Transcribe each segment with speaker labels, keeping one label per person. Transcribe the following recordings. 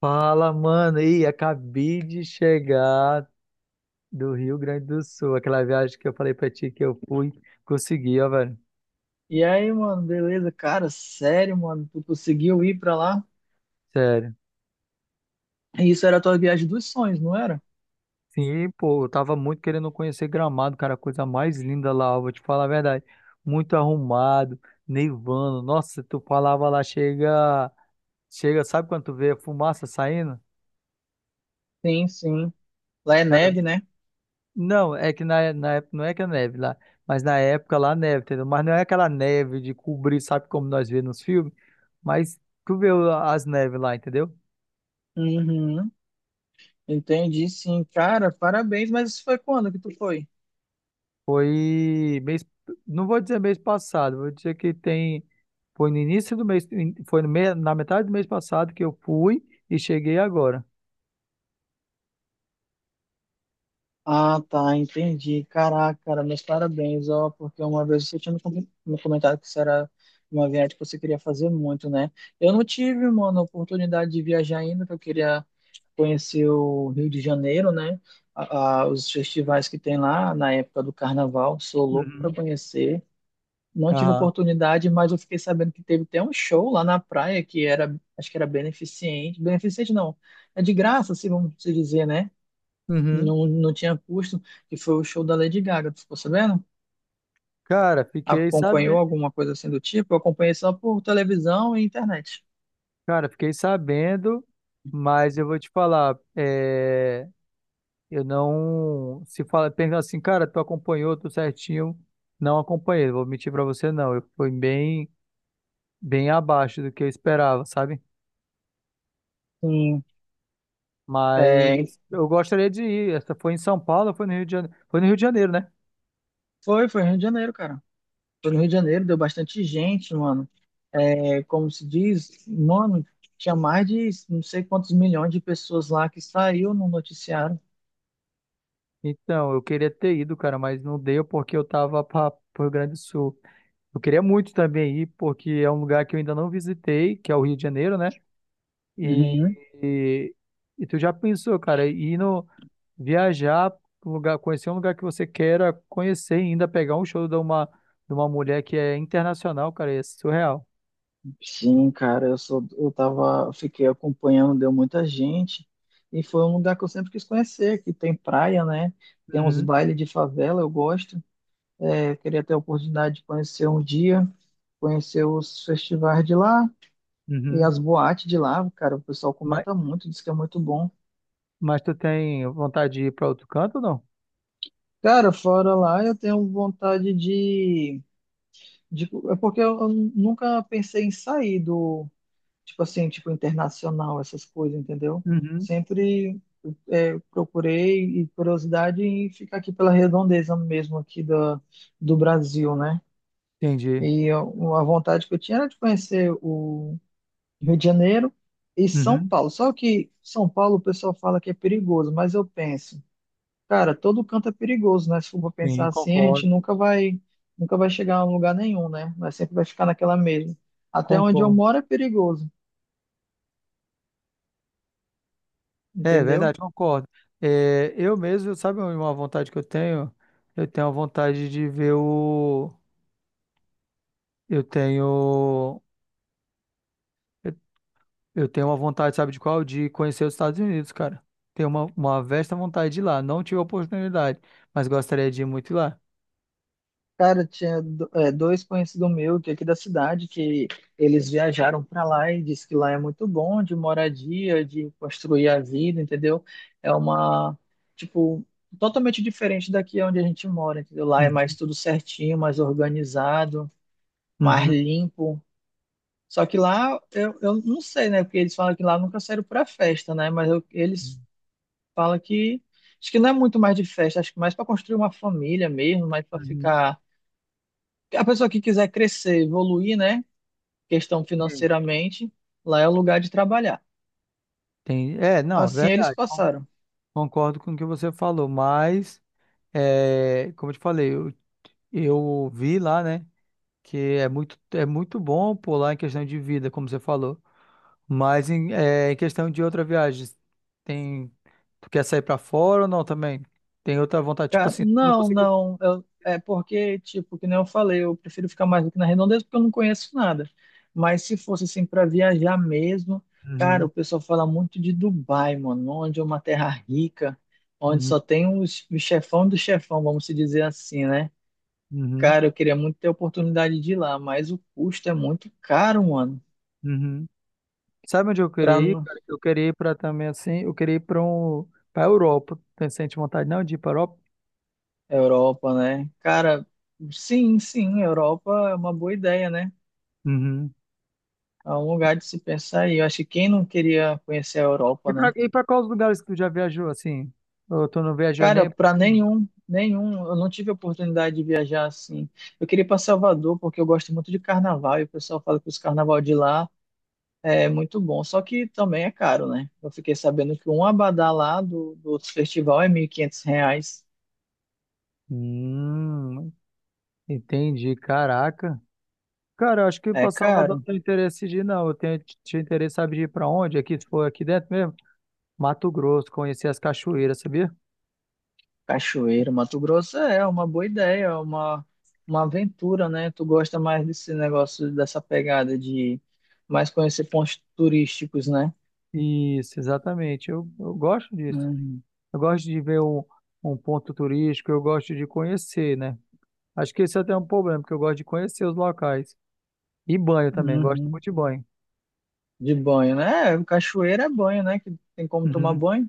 Speaker 1: Fala, mano. Ih, acabei de chegar do Rio Grande do Sul. Aquela viagem que eu falei pra ti que eu fui, consegui, ó, velho.
Speaker 2: E aí, mano, beleza? Cara, sério, mano, tu conseguiu ir pra lá?
Speaker 1: Sério.
Speaker 2: Isso era a tua viagem dos sonhos, não era?
Speaker 1: Sim, pô, eu tava muito querendo conhecer Gramado, cara. A coisa mais linda lá, eu vou te falar a verdade. Muito arrumado, nevando. Nossa, tu falava lá, chega. Chega, sabe quando tu vê a fumaça saindo?
Speaker 2: Sim, sim. Lá é
Speaker 1: Cara,
Speaker 2: neve, né?
Speaker 1: não, é que na época não é que é neve lá, mas na época lá neve, entendeu? Mas não é aquela neve de cobrir, sabe como nós vemos nos filmes? Mas tu vê as neves lá, entendeu?
Speaker 2: Uhum. Entendi, sim. Cara, parabéns, mas isso foi quando que tu foi?
Speaker 1: Foi mês, não vou dizer mês passado, vou dizer que tem, foi no início do mês, foi no na metade do mês passado que eu fui e cheguei agora.
Speaker 2: Ah, tá, entendi. Caraca, cara, meus parabéns, ó, porque uma vez você tinha me comentado que isso era uma viagem que você queria fazer muito, né? Eu não tive, mano, oportunidade de viajar ainda, que eu queria conhecer o Rio de Janeiro, né? Os festivais que tem lá na época do Carnaval, sou louco para
Speaker 1: Uhum.
Speaker 2: conhecer. Não tive
Speaker 1: Aham.
Speaker 2: oportunidade, mas eu fiquei sabendo que teve até um show lá na praia que era, acho que era beneficente. Beneficente não, é de graça, se vamos se dizer, né?
Speaker 1: Uhum.
Speaker 2: Não, não tinha custo, que foi o show da Lady Gaga, tu ficou sabendo?
Speaker 1: Cara, fiquei
Speaker 2: Acompanhou
Speaker 1: sabendo,
Speaker 2: alguma coisa assim do tipo? Eu acompanhei só por televisão e internet.
Speaker 1: cara, fiquei sabendo, mas eu vou te falar, eu não. Se fala, pergunta assim, cara, tu acompanhou tudo certinho? Não acompanhei, vou mentir pra você, não. Eu fui bem, bem abaixo do que eu esperava, sabe?
Speaker 2: Sim, é,
Speaker 1: Mas eu gostaria de ir. Essa foi em São Paulo, foi no Rio de Janeiro, foi no Rio de Janeiro, né?
Speaker 2: foi Rio de Janeiro, cara. Foi no Rio de Janeiro, deu bastante gente, mano. É, como se diz, mano, tinha mais de não sei quantos milhões de pessoas lá que saiu no noticiário.
Speaker 1: Então, eu queria ter ido, cara, mas não deu porque eu tava para o Rio Grande do Sul. Eu queria muito também ir, porque é um lugar que eu ainda não visitei, que é o Rio de Janeiro, né? E,
Speaker 2: Uhum.
Speaker 1: e, e tu já pensou, cara, ir no, viajar, pra um lugar, conhecer um lugar que você queira conhecer e ainda pegar um show de uma mulher que é internacional, cara, é surreal.
Speaker 2: Sim, cara, eu sou, eu tava, fiquei acompanhando, deu muita gente, e foi um lugar que eu sempre quis conhecer, que tem praia, né? Tem uns
Speaker 1: Uhum,
Speaker 2: bailes de favela, eu gosto. É, queria ter a oportunidade de conhecer um dia, conhecer os festivais de lá e
Speaker 1: uhum.
Speaker 2: as boates de lá, cara, o pessoal
Speaker 1: Mas,
Speaker 2: comenta muito, diz que é muito bom.
Speaker 1: mas tu tem vontade de ir para outro canto ou não?
Speaker 2: Cara, fora lá, eu tenho vontade de. Tipo, é porque eu nunca pensei em sair do, tipo assim, tipo internacional, essas coisas, entendeu?
Speaker 1: Uhum.
Speaker 2: Sempre é, procurei e curiosidade em ficar aqui pela redondeza mesmo aqui do Brasil, né?
Speaker 1: Entendi.
Speaker 2: E a vontade que eu tinha era de conhecer o Rio de Janeiro e São
Speaker 1: Uhum.
Speaker 2: Paulo. Só que São Paulo o pessoal fala que é perigoso, mas eu penso. Cara, todo canto é perigoso, né? Se for pra pensar
Speaker 1: Sim,
Speaker 2: assim, a gente
Speaker 1: concordo,
Speaker 2: nunca vai chegar a um lugar nenhum, né? Mas sempre vai ficar naquela mesma. Até onde eu
Speaker 1: concordo.
Speaker 2: moro é perigoso,
Speaker 1: É é
Speaker 2: entendeu?
Speaker 1: verdade, concordo. É, eu mesmo, sabe uma vontade que eu tenho? Eu tenho a vontade de ver o. Eu tenho. Eu tenho uma vontade, sabe de qual? De conhecer os Estados Unidos, cara. Tenho uma vasta vontade de ir lá. Não tive a oportunidade, mas gostaria de ir muito lá.
Speaker 2: Cara, tinha é, dois conhecidos meus que é aqui da cidade que eles viajaram para lá e disse que lá é muito bom de moradia, de construir a vida, entendeu? É uma, tipo, totalmente diferente daqui onde a gente mora, entendeu? Lá é mais tudo certinho, mais organizado, mais
Speaker 1: Uhum.
Speaker 2: limpo. Só que lá, eu não sei, né? Porque eles falam que lá nunca saíram para festa, né? Mas eles falam que. Acho que não é muito mais de festa, acho que mais para construir uma família mesmo, mais para
Speaker 1: Uhum.
Speaker 2: ficar. A pessoa que quiser crescer, evoluir, né? Questão
Speaker 1: Sim.
Speaker 2: financeiramente, lá é o lugar de trabalhar.
Speaker 1: Tem, é, não, é
Speaker 2: Assim eles
Speaker 1: verdade.
Speaker 2: passaram.
Speaker 1: Concordo com o que você falou, mas é, como eu te falei, eu vi lá, né, que é muito bom por lá em questão de vida, como você falou. Mas em, é, em questão de outra viagem, tem, tu quer sair pra fora ou não também? Tem outra vontade, tipo
Speaker 2: Cara,
Speaker 1: assim, tu não
Speaker 2: não,
Speaker 1: conseguiu.
Speaker 2: não. É porque, tipo, que nem eu falei, eu prefiro ficar mais aqui na redondeza porque eu não conheço nada. Mas se fosse assim para viajar mesmo, cara,
Speaker 1: Uhum,
Speaker 2: o pessoal fala muito de Dubai, mano, onde é uma terra rica, onde
Speaker 1: uhum,
Speaker 2: só tem o chefão do chefão, vamos se dizer assim, né?
Speaker 1: uhum,
Speaker 2: Cara, eu queria muito ter a oportunidade de ir lá, mas o custo é muito caro, mano,
Speaker 1: uhum. Sabe onde eu
Speaker 2: pra
Speaker 1: queria ir,
Speaker 2: n-
Speaker 1: cara? Eu queria ir para também assim, eu queria ir para um, para Europa. Tem sente vontade não de ir para Europa?
Speaker 2: Europa, né? Cara, sim, sim, Europa é uma boa ideia, né?
Speaker 1: Uhum.
Speaker 2: É um lugar de se pensar e eu acho que quem não queria conhecer a Europa, né?
Speaker 1: E para quais lugares que tu já viajou assim? Ou tu não viajou
Speaker 2: Cara,
Speaker 1: nem para
Speaker 2: para
Speaker 1: nenhuma?
Speaker 2: nenhum, nenhum, eu não tive a oportunidade de viajar assim. Eu queria ir para Salvador porque eu gosto muito de carnaval e o pessoal fala que os carnaval de lá é muito bom, só que também é caro, né? Eu fiquei sabendo que um abadá lá do festival é R$ 1.500.
Speaker 1: Hum, entendi, caraca. Cara, eu acho que
Speaker 2: É
Speaker 1: para Salvador não
Speaker 2: caro.
Speaker 1: tenho interesse de ir, não. Eu tenho, tinha interesse, sabe, de ir para onde? Aqui, se for aqui dentro mesmo? Mato Grosso, conhecer as cachoeiras, sabia?
Speaker 2: Cachoeira, Mato Grosso é uma boa ideia, é uma aventura, né? Tu gosta mais desse negócio, dessa pegada de mais conhecer pontos turísticos, né?
Speaker 1: Isso, exatamente. Eu gosto disso.
Speaker 2: Uhum,
Speaker 1: Eu gosto de ver um, um ponto turístico, eu gosto de conhecer, né? Acho que esse até é um problema, porque eu gosto de conhecer os locais. E banho também, gosto
Speaker 2: uhum.
Speaker 1: muito de banho.
Speaker 2: De banho, né? É, Cachoeira é banho, né? Que tem como tomar
Speaker 1: Uhum.
Speaker 2: banho.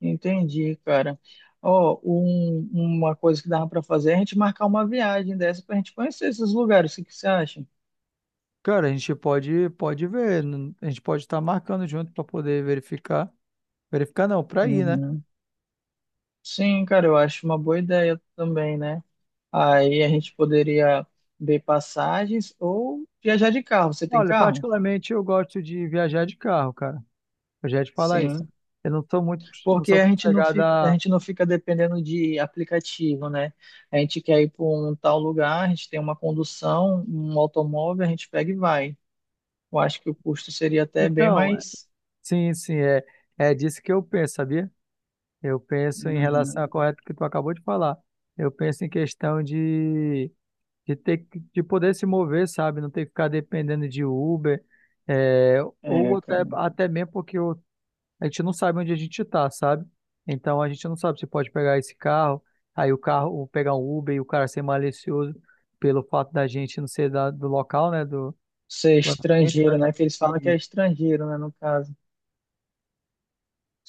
Speaker 2: Entendi, cara. Ó, uma coisa que dava para fazer é a gente marcar uma viagem dessa para a gente conhecer esses lugares. O que que você acha?
Speaker 1: Cara, a gente pode, pode ver, a gente pode estar marcando junto para poder verificar. Verificar não, para ir, né?
Speaker 2: Uhum. Sim, cara, eu acho uma boa ideia também, né? Aí a gente poderia ver passagens ou viajar de carro. Você tem
Speaker 1: Olha,
Speaker 2: carro?
Speaker 1: particularmente eu gosto de viajar de carro, cara. Eu já ia te falar isso.
Speaker 2: Sim.
Speaker 1: Eu não sou muito, não
Speaker 2: Porque
Speaker 1: sou muito
Speaker 2: a
Speaker 1: chegada a...
Speaker 2: gente não fica dependendo de aplicativo, né? A gente quer ir para um tal lugar, a gente tem uma condução, um automóvel, a gente pega e vai. Eu acho que o custo seria até bem
Speaker 1: Então, é,
Speaker 2: mais.
Speaker 1: sim, sim, é, é disso que eu penso, sabia? Eu penso em relação
Speaker 2: Uhum.
Speaker 1: ao correto que tu acabou de falar. Eu penso em questão de ter, de poder se mover, sabe? Não ter que ficar dependendo de Uber, é, ou
Speaker 2: É,
Speaker 1: até,
Speaker 2: cara.
Speaker 1: até mesmo porque a gente não sabe onde a gente está, sabe? Então a gente não sabe se pode pegar esse carro, aí o carro, ou pegar um Uber e o cara ser malicioso pelo fato da gente não ser do local, né? Do,
Speaker 2: Ser
Speaker 1: do ambiente,
Speaker 2: estrangeiro,
Speaker 1: sabe?
Speaker 2: né? Que eles falam que é
Speaker 1: E,
Speaker 2: estrangeiro, né? No caso.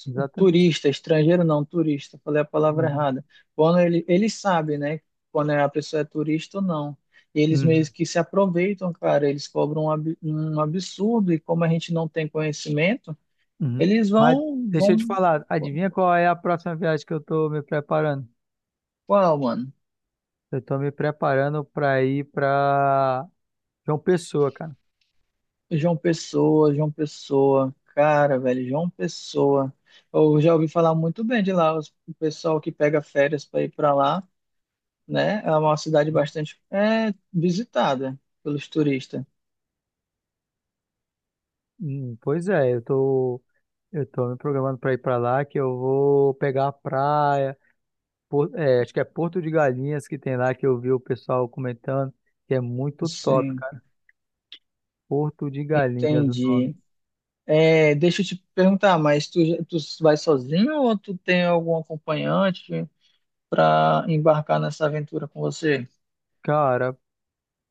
Speaker 1: exatamente.
Speaker 2: Turista, estrangeiro não, turista, falei a palavra
Speaker 1: Uhum.
Speaker 2: errada. Quando ele sabe, né, quando a pessoa é turista ou não. E eles meio
Speaker 1: Uhum.
Speaker 2: que se aproveitam, cara, eles cobram um absurdo e como a gente não tem conhecimento,
Speaker 1: Uhum.
Speaker 2: eles
Speaker 1: Mas
Speaker 2: vão,
Speaker 1: deixa eu te
Speaker 2: vão,
Speaker 1: falar, adivinha qual é a próxima viagem que eu tô me preparando?
Speaker 2: Qual, mano?
Speaker 1: Eu tô me preparando para ir para João Pessoa, cara.
Speaker 2: João Pessoa, João Pessoa, cara, velho, João Pessoa. Eu já ouvi falar muito bem de lá, o pessoal que pega férias para ir para lá, né? É uma cidade
Speaker 1: Uhum.
Speaker 2: bastante é, visitada pelos turistas.
Speaker 1: Pois é, eu tô me programando para ir para lá que eu vou pegar a praia, é, acho que é Porto de Galinhas que tem lá que eu vi o pessoal comentando, que é muito top,
Speaker 2: Sim,
Speaker 1: cara. Porto de Galinhas o nome.
Speaker 2: entendi. É, deixa eu te perguntar, mas tu vai sozinho ou tu tem algum acompanhante para embarcar nessa aventura com você?
Speaker 1: Cara,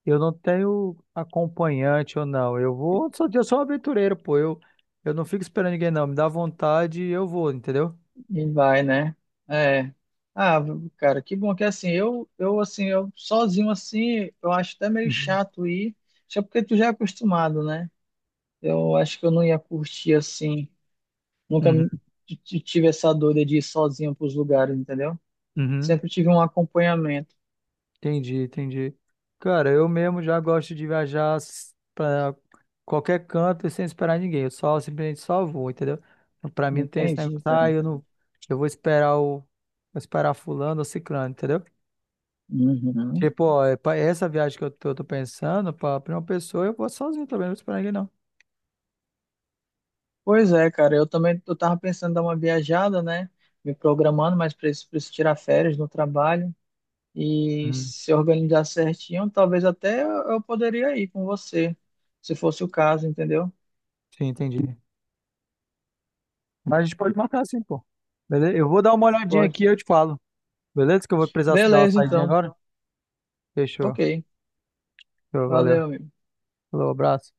Speaker 1: eu não tenho acompanhante ou não. Eu vou, eu sou um aventureiro, pô. Eu não fico esperando ninguém, não. Me dá vontade e eu vou, entendeu?
Speaker 2: E vai, né? É. Ah, cara, que bom que assim, eu assim, eu sozinho assim, eu acho até meio
Speaker 1: Uhum.
Speaker 2: chato ir, só porque tu já é acostumado, né? Eu acho que eu não ia curtir assim, nunca
Speaker 1: Uhum.
Speaker 2: tive essa dor de ir sozinho pros lugares, entendeu?
Speaker 1: Uhum.
Speaker 2: Sempre tive um acompanhamento.
Speaker 1: Entendi, entendi. Cara, eu mesmo já gosto de viajar pra qualquer canto e sem esperar ninguém. Eu só simplesmente só vou, entendeu? Então, pra mim não tem esse negócio,
Speaker 2: Entendi,
Speaker 1: ah,
Speaker 2: cara.
Speaker 1: eu não, eu vou esperar o, vou esperar fulano ou ciclano, entendeu?
Speaker 2: Uhum.
Speaker 1: Tipo, ó, é essa viagem que eu tô pensando, pra uma pessoa, eu vou sozinho também, não vou esperar ninguém,
Speaker 2: Pois é, cara, eu também eu tava pensando em dar uma viajada, né? Me programando, mas preciso tirar férias no trabalho e
Speaker 1: não.
Speaker 2: se organizar certinho, talvez até eu poderia ir com você, se fosse o caso, entendeu?
Speaker 1: Sim, entendi. Mas a gente pode marcar assim, pô. Beleza? Eu vou dar uma olhadinha
Speaker 2: Pode.
Speaker 1: aqui e eu te falo. Beleza? Que eu vou precisar dar uma
Speaker 2: Beleza,
Speaker 1: saidinha
Speaker 2: então.
Speaker 1: agora. Fechou.
Speaker 2: Ok.
Speaker 1: Fechou, valeu.
Speaker 2: Valeu, amigo.
Speaker 1: Falou, abraço.